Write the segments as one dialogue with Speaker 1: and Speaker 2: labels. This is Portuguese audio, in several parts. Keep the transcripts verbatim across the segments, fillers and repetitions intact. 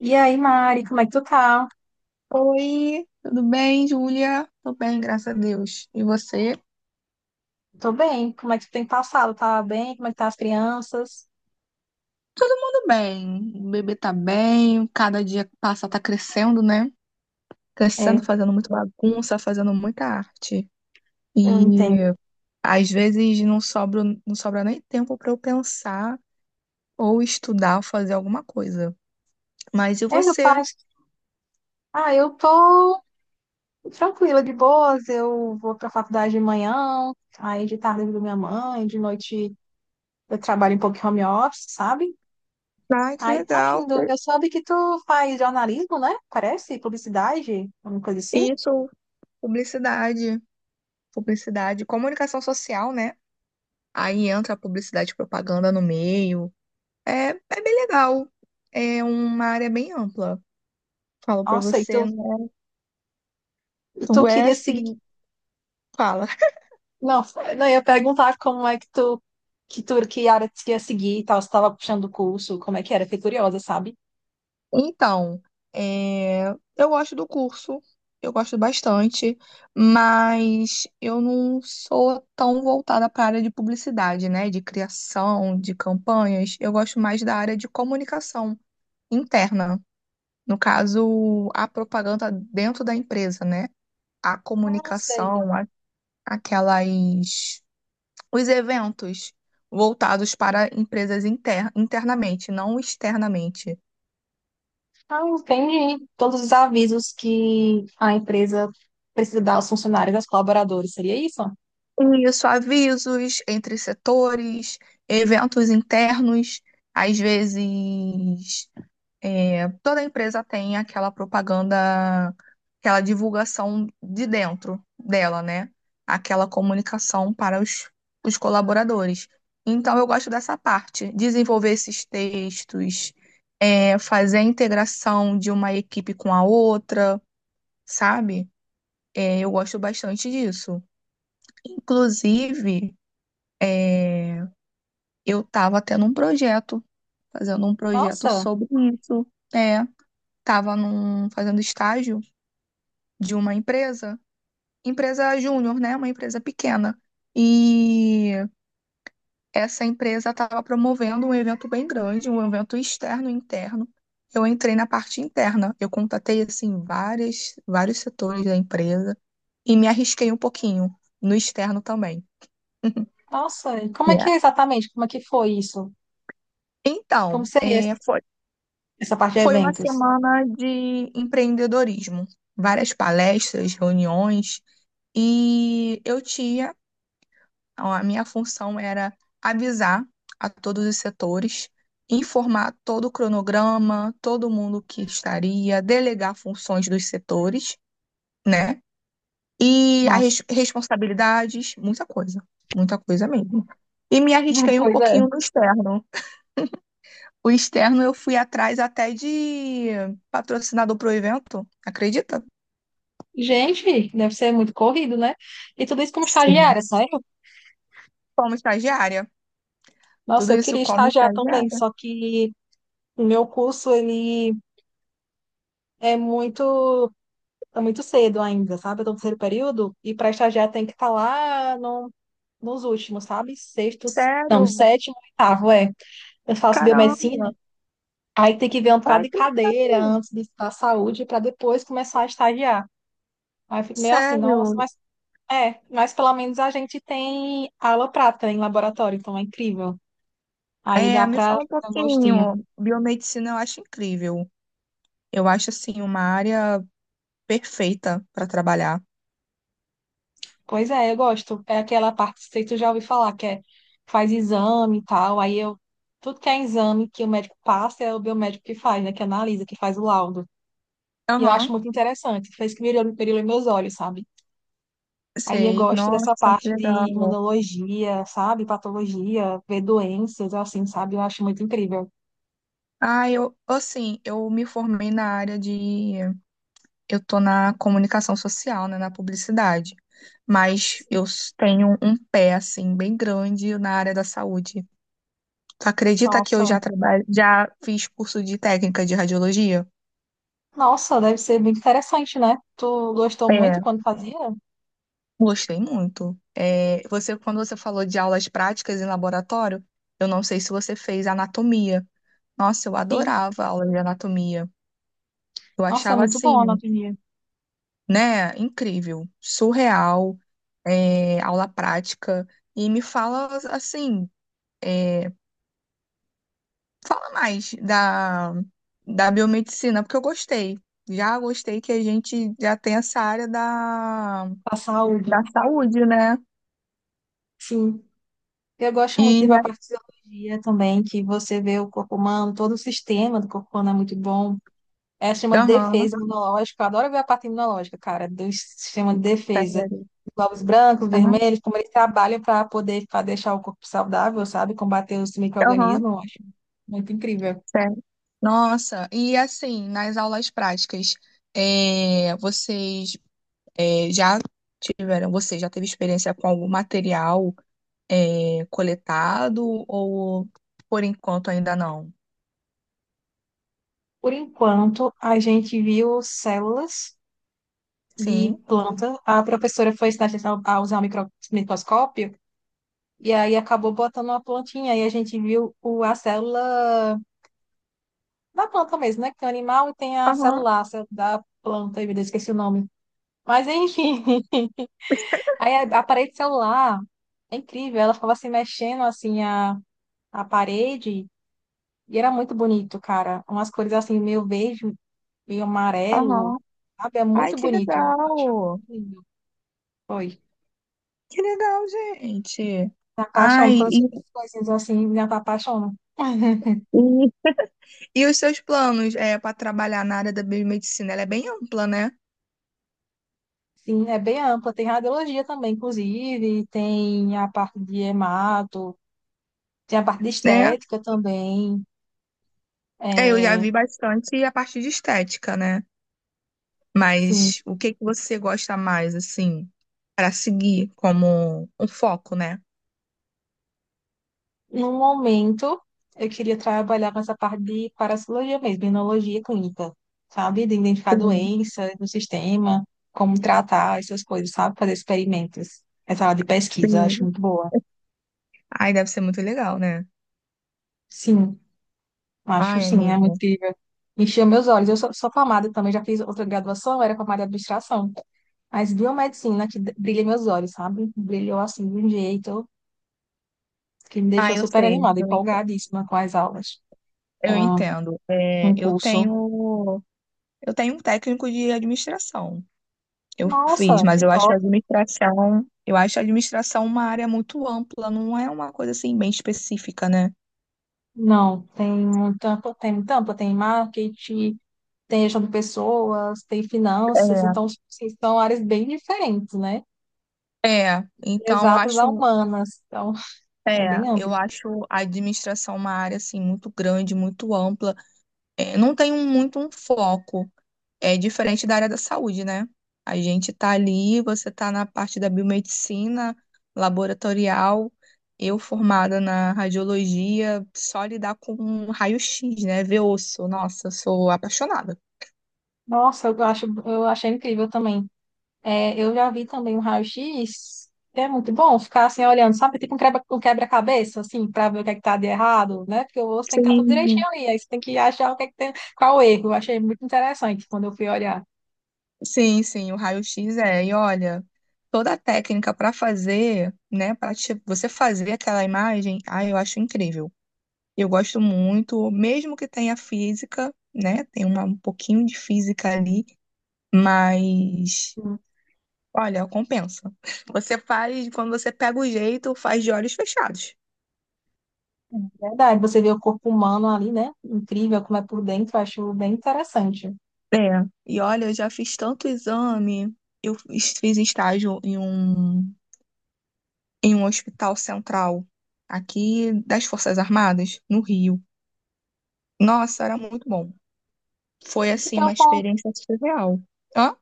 Speaker 1: E aí, Mari, como é que tu tá?
Speaker 2: Oi, tudo bem, Júlia? Tô bem, graças a Deus. E você?
Speaker 1: Tô bem. Como é que tu tem passado? Tá bem? Como é que tá as crianças?
Speaker 2: Todo mundo bem. O bebê tá bem, cada dia que passa tá crescendo, né? Crescendo,
Speaker 1: É,
Speaker 2: fazendo muita bagunça, fazendo muita arte.
Speaker 1: eu
Speaker 2: E
Speaker 1: entendo.
Speaker 2: às vezes não sobra, não sobra nem tempo pra eu pensar ou estudar ou fazer alguma coisa. Mas e
Speaker 1: É, meu pai.
Speaker 2: você?
Speaker 1: Ah, eu tô tranquila, de boas. Eu vou pra faculdade de manhã, aí de tarde eu ajudo minha mãe, de noite eu trabalho um pouco em home office, sabe?
Speaker 2: Ai, que
Speaker 1: Aí tá
Speaker 2: legal.
Speaker 1: indo. Eu soube que tu faz jornalismo, né? Parece, publicidade, alguma coisa assim.
Speaker 2: Isso, publicidade. Publicidade, comunicação social, né? Aí entra a publicidade e propaganda no meio. É, é bem legal. É uma área bem ampla. Falo pra
Speaker 1: Nossa, e
Speaker 2: você,
Speaker 1: tu,
Speaker 2: né?
Speaker 1: e tu
Speaker 2: Tu é
Speaker 1: queria seguir.
Speaker 2: assim, fala.
Speaker 1: Não, não, eu ia perguntar como é que tu, que tu, que área tu ia seguir e tal, se tava puxando o curso, como é que era, fiquei curiosa, sabe?
Speaker 2: Então, é, eu gosto do curso, eu gosto bastante, mas eu não sou tão voltada para a área de publicidade, né? De criação, de campanhas. Eu gosto mais da área de comunicação interna. No caso, a propaganda dentro da empresa, né? A
Speaker 1: Não sei.
Speaker 2: comunicação, a- aquelas Os eventos voltados para empresas inter- internamente, não externamente.
Speaker 1: Ah, entendi. Todos os avisos que a empresa precisa dar aos funcionários, aos colaboradores, seria isso?
Speaker 2: E isso, avisos entre setores, eventos internos, às vezes é, toda empresa tem aquela propaganda, aquela divulgação de dentro dela, né? Aquela comunicação para os, os colaboradores. Então, eu gosto dessa parte, desenvolver esses textos, é, fazer a integração de uma equipe com a outra, sabe? É, eu gosto bastante disso. Inclusive, é, eu estava tendo um projeto, fazendo um projeto
Speaker 1: Nossa,
Speaker 2: sobre isso. É, estava fazendo estágio. De uma empresa, empresa júnior, né? Uma empresa pequena. E essa empresa estava promovendo um evento bem grande, um evento externo e interno. Eu entrei na parte interna. Eu contatei assim várias, vários setores da empresa e me arrisquei um pouquinho no externo também.
Speaker 1: nossa. E como é que
Speaker 2: Yeah.
Speaker 1: é exatamente? Como é que foi isso? Como
Speaker 2: Então,
Speaker 1: seria
Speaker 2: é,
Speaker 1: esse-
Speaker 2: foi,
Speaker 1: essa parte de
Speaker 2: foi uma
Speaker 1: eventos?
Speaker 2: semana de empreendedorismo, várias palestras, reuniões, e eu tinha Então, A minha função era avisar a todos os setores, informar todo o cronograma, todo mundo que estaria, delegar funções dos setores, né? E
Speaker 1: Nossa.
Speaker 2: as responsabilidades, muita coisa, muita coisa mesmo. E me arrisquei um
Speaker 1: Pois é.
Speaker 2: pouquinho no externo. O externo eu fui atrás até de patrocinador pro evento, acredita?
Speaker 1: Gente, deve ser muito corrido, né? E tudo isso como
Speaker 2: Sim.
Speaker 1: estagiária, sério?
Speaker 2: Como estagiária.
Speaker 1: Nossa,
Speaker 2: Tudo
Speaker 1: eu
Speaker 2: isso
Speaker 1: queria
Speaker 2: como
Speaker 1: estagiar também,
Speaker 2: estagiária.
Speaker 1: só que o meu curso, ele é muito, é muito cedo ainda, sabe? Eu tô no terceiro período e para estagiar tem que estar lá no, nos últimos, sabe? Sextos,
Speaker 2: Sério,
Speaker 1: não, sétimo, oitavo, é. Eu faço biomedicina,
Speaker 2: caramba,
Speaker 1: aí tem que ver um bocado
Speaker 2: vai
Speaker 1: de
Speaker 2: pensar.
Speaker 1: cadeira antes de estudar saúde para depois começar a estagiar. Aí eu fico meio assim, nossa,
Speaker 2: Sério,
Speaker 1: mas é, mas pelo menos a gente tem aula prática em laboratório, então é incrível. Aí dá
Speaker 2: é, me
Speaker 1: para
Speaker 2: fala um
Speaker 1: dar um gostinho.
Speaker 2: pouquinho. Biomedicina eu acho incrível. Eu acho assim uma área perfeita para trabalhar.
Speaker 1: Pois é, eu gosto. É aquela parte, não sei se tu já ouviu falar, que é faz exame e tal. Aí eu, tudo que é exame que o médico passa é o biomédico que faz, né? Que analisa, que faz o laudo. E eu acho
Speaker 2: Aham,
Speaker 1: muito interessante. Fez que brilhou, brilhou em meus olhos, sabe? Aí eu
Speaker 2: sei.
Speaker 1: gosto dessa
Speaker 2: Nossa, que
Speaker 1: parte de
Speaker 2: legal.
Speaker 1: imunologia, sabe? Patologia, ver doenças, assim, sabe? Eu acho muito incrível.
Speaker 2: Ah, eu assim, eu me formei na área de eu tô na comunicação social, né, na publicidade. Mas eu s- tenho um pé assim bem grande na área da saúde. Tu acredita que eu
Speaker 1: Nossa,
Speaker 2: já trabalho, já fiz curso de técnica de radiologia?
Speaker 1: nossa, deve ser muito interessante, né? Tu gostou muito
Speaker 2: É.
Speaker 1: quando fazia?
Speaker 2: Gostei muito. É, você, quando você falou de aulas práticas em laboratório, eu não sei se você fez anatomia. Nossa, eu
Speaker 1: Sim.
Speaker 2: adorava aula de anatomia. Eu
Speaker 1: Nossa, é
Speaker 2: achava
Speaker 1: muito bom a
Speaker 2: assim,
Speaker 1: anatomia.
Speaker 2: né, incrível, surreal, é, aula prática. E me fala assim, é, fala mais da, da biomedicina, porque eu gostei. Já gostei que a gente já tem essa área da,
Speaker 1: A saúde.
Speaker 2: da saúde, né?
Speaker 1: Sim. Eu gosto muito
Speaker 2: E,
Speaker 1: de fisiologia também, que você vê o corpo humano, todo o sistema do corpo humano é muito bom. É o sistema de
Speaker 2: aham,
Speaker 1: defesa imunológica. Eu adoro ver a parte imunológica, cara, do sistema de defesa.
Speaker 2: sério.
Speaker 1: Os glóbulos brancos,
Speaker 2: Aham.
Speaker 1: vermelhos, como eles trabalham para poder pra deixar o corpo saudável, sabe? Combater os
Speaker 2: aham.
Speaker 1: micro-organismos, eu acho muito incrível.
Speaker 2: Sério? Nossa, e assim, nas aulas práticas, é, vocês é, já tiveram, você já teve experiência com algum material é, coletado, ou por enquanto ainda não?
Speaker 1: Por enquanto, a gente viu células de
Speaker 2: Sim.
Speaker 1: planta. A professora foi ensinar a gente a usar o micro- microscópio. E aí acabou botando uma plantinha e a gente viu o, a célula da planta mesmo, né? Que tem o animal e tem a
Speaker 2: Aham,
Speaker 1: celular, a célula da planta, eu esqueci o nome. Mas enfim, aí a, a parede celular é incrível, ela ficava se mexendo assim a, a parede e era muito bonito, cara. Umas cores assim meio verde, meio amarelo,
Speaker 2: aham.
Speaker 1: sabe? É
Speaker 2: Ai,
Speaker 1: muito
Speaker 2: que
Speaker 1: bonito. Eu achava
Speaker 2: legal!
Speaker 1: muito lindo. Foi.
Speaker 2: Que legal, gente!
Speaker 1: Me apaixono,
Speaker 2: Ai,
Speaker 1: quando eu
Speaker 2: e,
Speaker 1: sou essas coisinhas assim, me apaixono.
Speaker 2: e, e os seus planos é, para trabalhar na área da biomedicina? Ela é bem ampla, né?
Speaker 1: Sim, é bem ampla. Tem radiologia também, inclusive, tem a parte de hemato, tem a parte de
Speaker 2: Né?
Speaker 1: estética também.
Speaker 2: É, eu já
Speaker 1: É,
Speaker 2: vi bastante a parte de estética, né?
Speaker 1: sim,
Speaker 2: Mas o que que você gosta mais, assim, para seguir como um foco, né?
Speaker 1: no momento, eu queria trabalhar com essa parte de parasitologia mesmo, imunologia clínica, sabe? De identificar
Speaker 2: Sim,
Speaker 1: doença no sistema, como tratar essas coisas, sabe? Fazer experimentos. Essa área de pesquisa, eu acho
Speaker 2: sim.
Speaker 1: muito boa.
Speaker 2: Ai, deve ser muito legal, né?
Speaker 1: Sim. Acho
Speaker 2: Ai,
Speaker 1: sim, é muito
Speaker 2: amigo.
Speaker 1: incrível. Encheu meus olhos. Eu sou, sou formada também, já fiz outra graduação, era formada em administração. Mas biomedicina que d- brilha meus olhos, sabe? Brilhou assim de um jeito que me
Speaker 2: Ah,
Speaker 1: deixou
Speaker 2: eu
Speaker 1: super
Speaker 2: sei,
Speaker 1: animada,
Speaker 2: eu entendo.
Speaker 1: empolgadíssima com as aulas,
Speaker 2: Eu
Speaker 1: com
Speaker 2: entendo.
Speaker 1: com
Speaker 2: É,
Speaker 1: o
Speaker 2: eu
Speaker 1: curso.
Speaker 2: tenho, eu tenho um técnico de administração. Eu fiz,
Speaker 1: Nossa,
Speaker 2: mas
Speaker 1: que
Speaker 2: eu acho a
Speaker 1: top!
Speaker 2: administração, eu acho a administração uma área muito ampla, não é uma coisa assim bem específica, né?
Speaker 1: Não, tem um tanto, tem tanto, tem marketing, tem gestão de pessoas, tem finanças, então assim, são áreas bem diferentes, né?
Speaker 2: É. É, então eu
Speaker 1: Exatas a
Speaker 2: acho.
Speaker 1: humanas, então é
Speaker 2: É,
Speaker 1: bem
Speaker 2: eu
Speaker 1: amplo.
Speaker 2: acho a administração uma área assim muito grande, muito ampla. É, não tem um- muito um foco. É diferente da área da saúde, né? A gente tá ali, você tá na parte da biomedicina, laboratorial, eu formada na radiologia, só lidar com um raio-x, né? Ver osso. Nossa, eu sou apaixonada.
Speaker 1: Nossa, eu acho, eu achei incrível também. É, eu já vi também um raio-x, que é muito bom ficar assim olhando, sabe? Tipo um quebra, um quebra-cabeça, assim, para ver o que é que tá de errado, né? Porque o osso tem que estar tudo
Speaker 2: Sim.
Speaker 1: direitinho ali, aí você tem que achar o que é que tem, qual o erro. Eu achei muito interessante quando eu fui olhar.
Speaker 2: Sim, sim, o raio-x é. E olha, toda a técnica para fazer, né, para você fazer aquela imagem, ah, eu acho incrível. Eu gosto muito, mesmo que tenha física, né, tem uma, um pouquinho de física ali, mas
Speaker 1: Hum,
Speaker 2: olha, compensa. Você faz, quando você pega o jeito, faz de olhos fechados.
Speaker 1: é verdade, você vê o corpo humano ali, né? Incrível como é por dentro, eu acho bem interessante.
Speaker 2: É. E olha, eu já fiz tanto exame, eu fiz fiz estágio em um em um hospital central aqui das Forças Armadas, no Rio. Nossa, era muito bom. Foi, assim,
Speaker 1: Então,
Speaker 2: uma experiência surreal. Hã?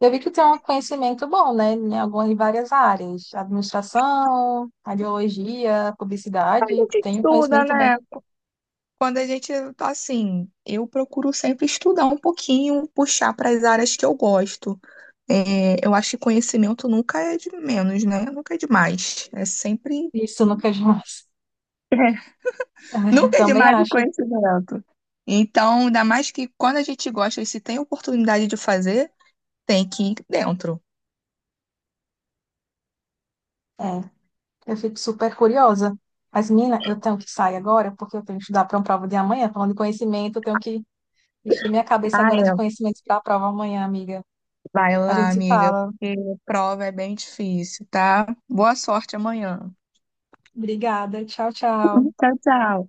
Speaker 1: eu vi que tem um conhecimento bom, né, em algumas, em várias áreas, administração, radiologia,
Speaker 2: A
Speaker 1: publicidade,
Speaker 2: gente
Speaker 1: tem um
Speaker 2: estuda,
Speaker 1: conhecimento bem
Speaker 2: né? Quando a gente tá assim, eu procuro sempre estudar um pouquinho, puxar para as áreas que eu gosto. É, eu acho que conhecimento nunca é de menos, né? Nunca é demais. É sempre.
Speaker 1: isso no que mais.
Speaker 2: É,
Speaker 1: É,
Speaker 2: nunca é
Speaker 1: também
Speaker 2: demais o
Speaker 1: acho.
Speaker 2: conhecimento. Então, ainda mais que quando a gente gosta e se tem oportunidade de fazer, tem que ir dentro.
Speaker 1: É, eu fico super curiosa. Mas, menina, eu tenho que sair agora, porque eu tenho que estudar para uma prova de amanhã. Falando de conhecimento, eu tenho que encher minha cabeça
Speaker 2: Ah,
Speaker 1: agora
Speaker 2: é.
Speaker 1: de conhecimentos para a prova amanhã, amiga.
Speaker 2: Vai
Speaker 1: A
Speaker 2: lá,
Speaker 1: gente se
Speaker 2: amiga,
Speaker 1: fala.
Speaker 2: porque prova é bem difícil, tá? Boa sorte amanhã.
Speaker 1: Obrigada. Tchau, tchau.
Speaker 2: Tchau, tchau.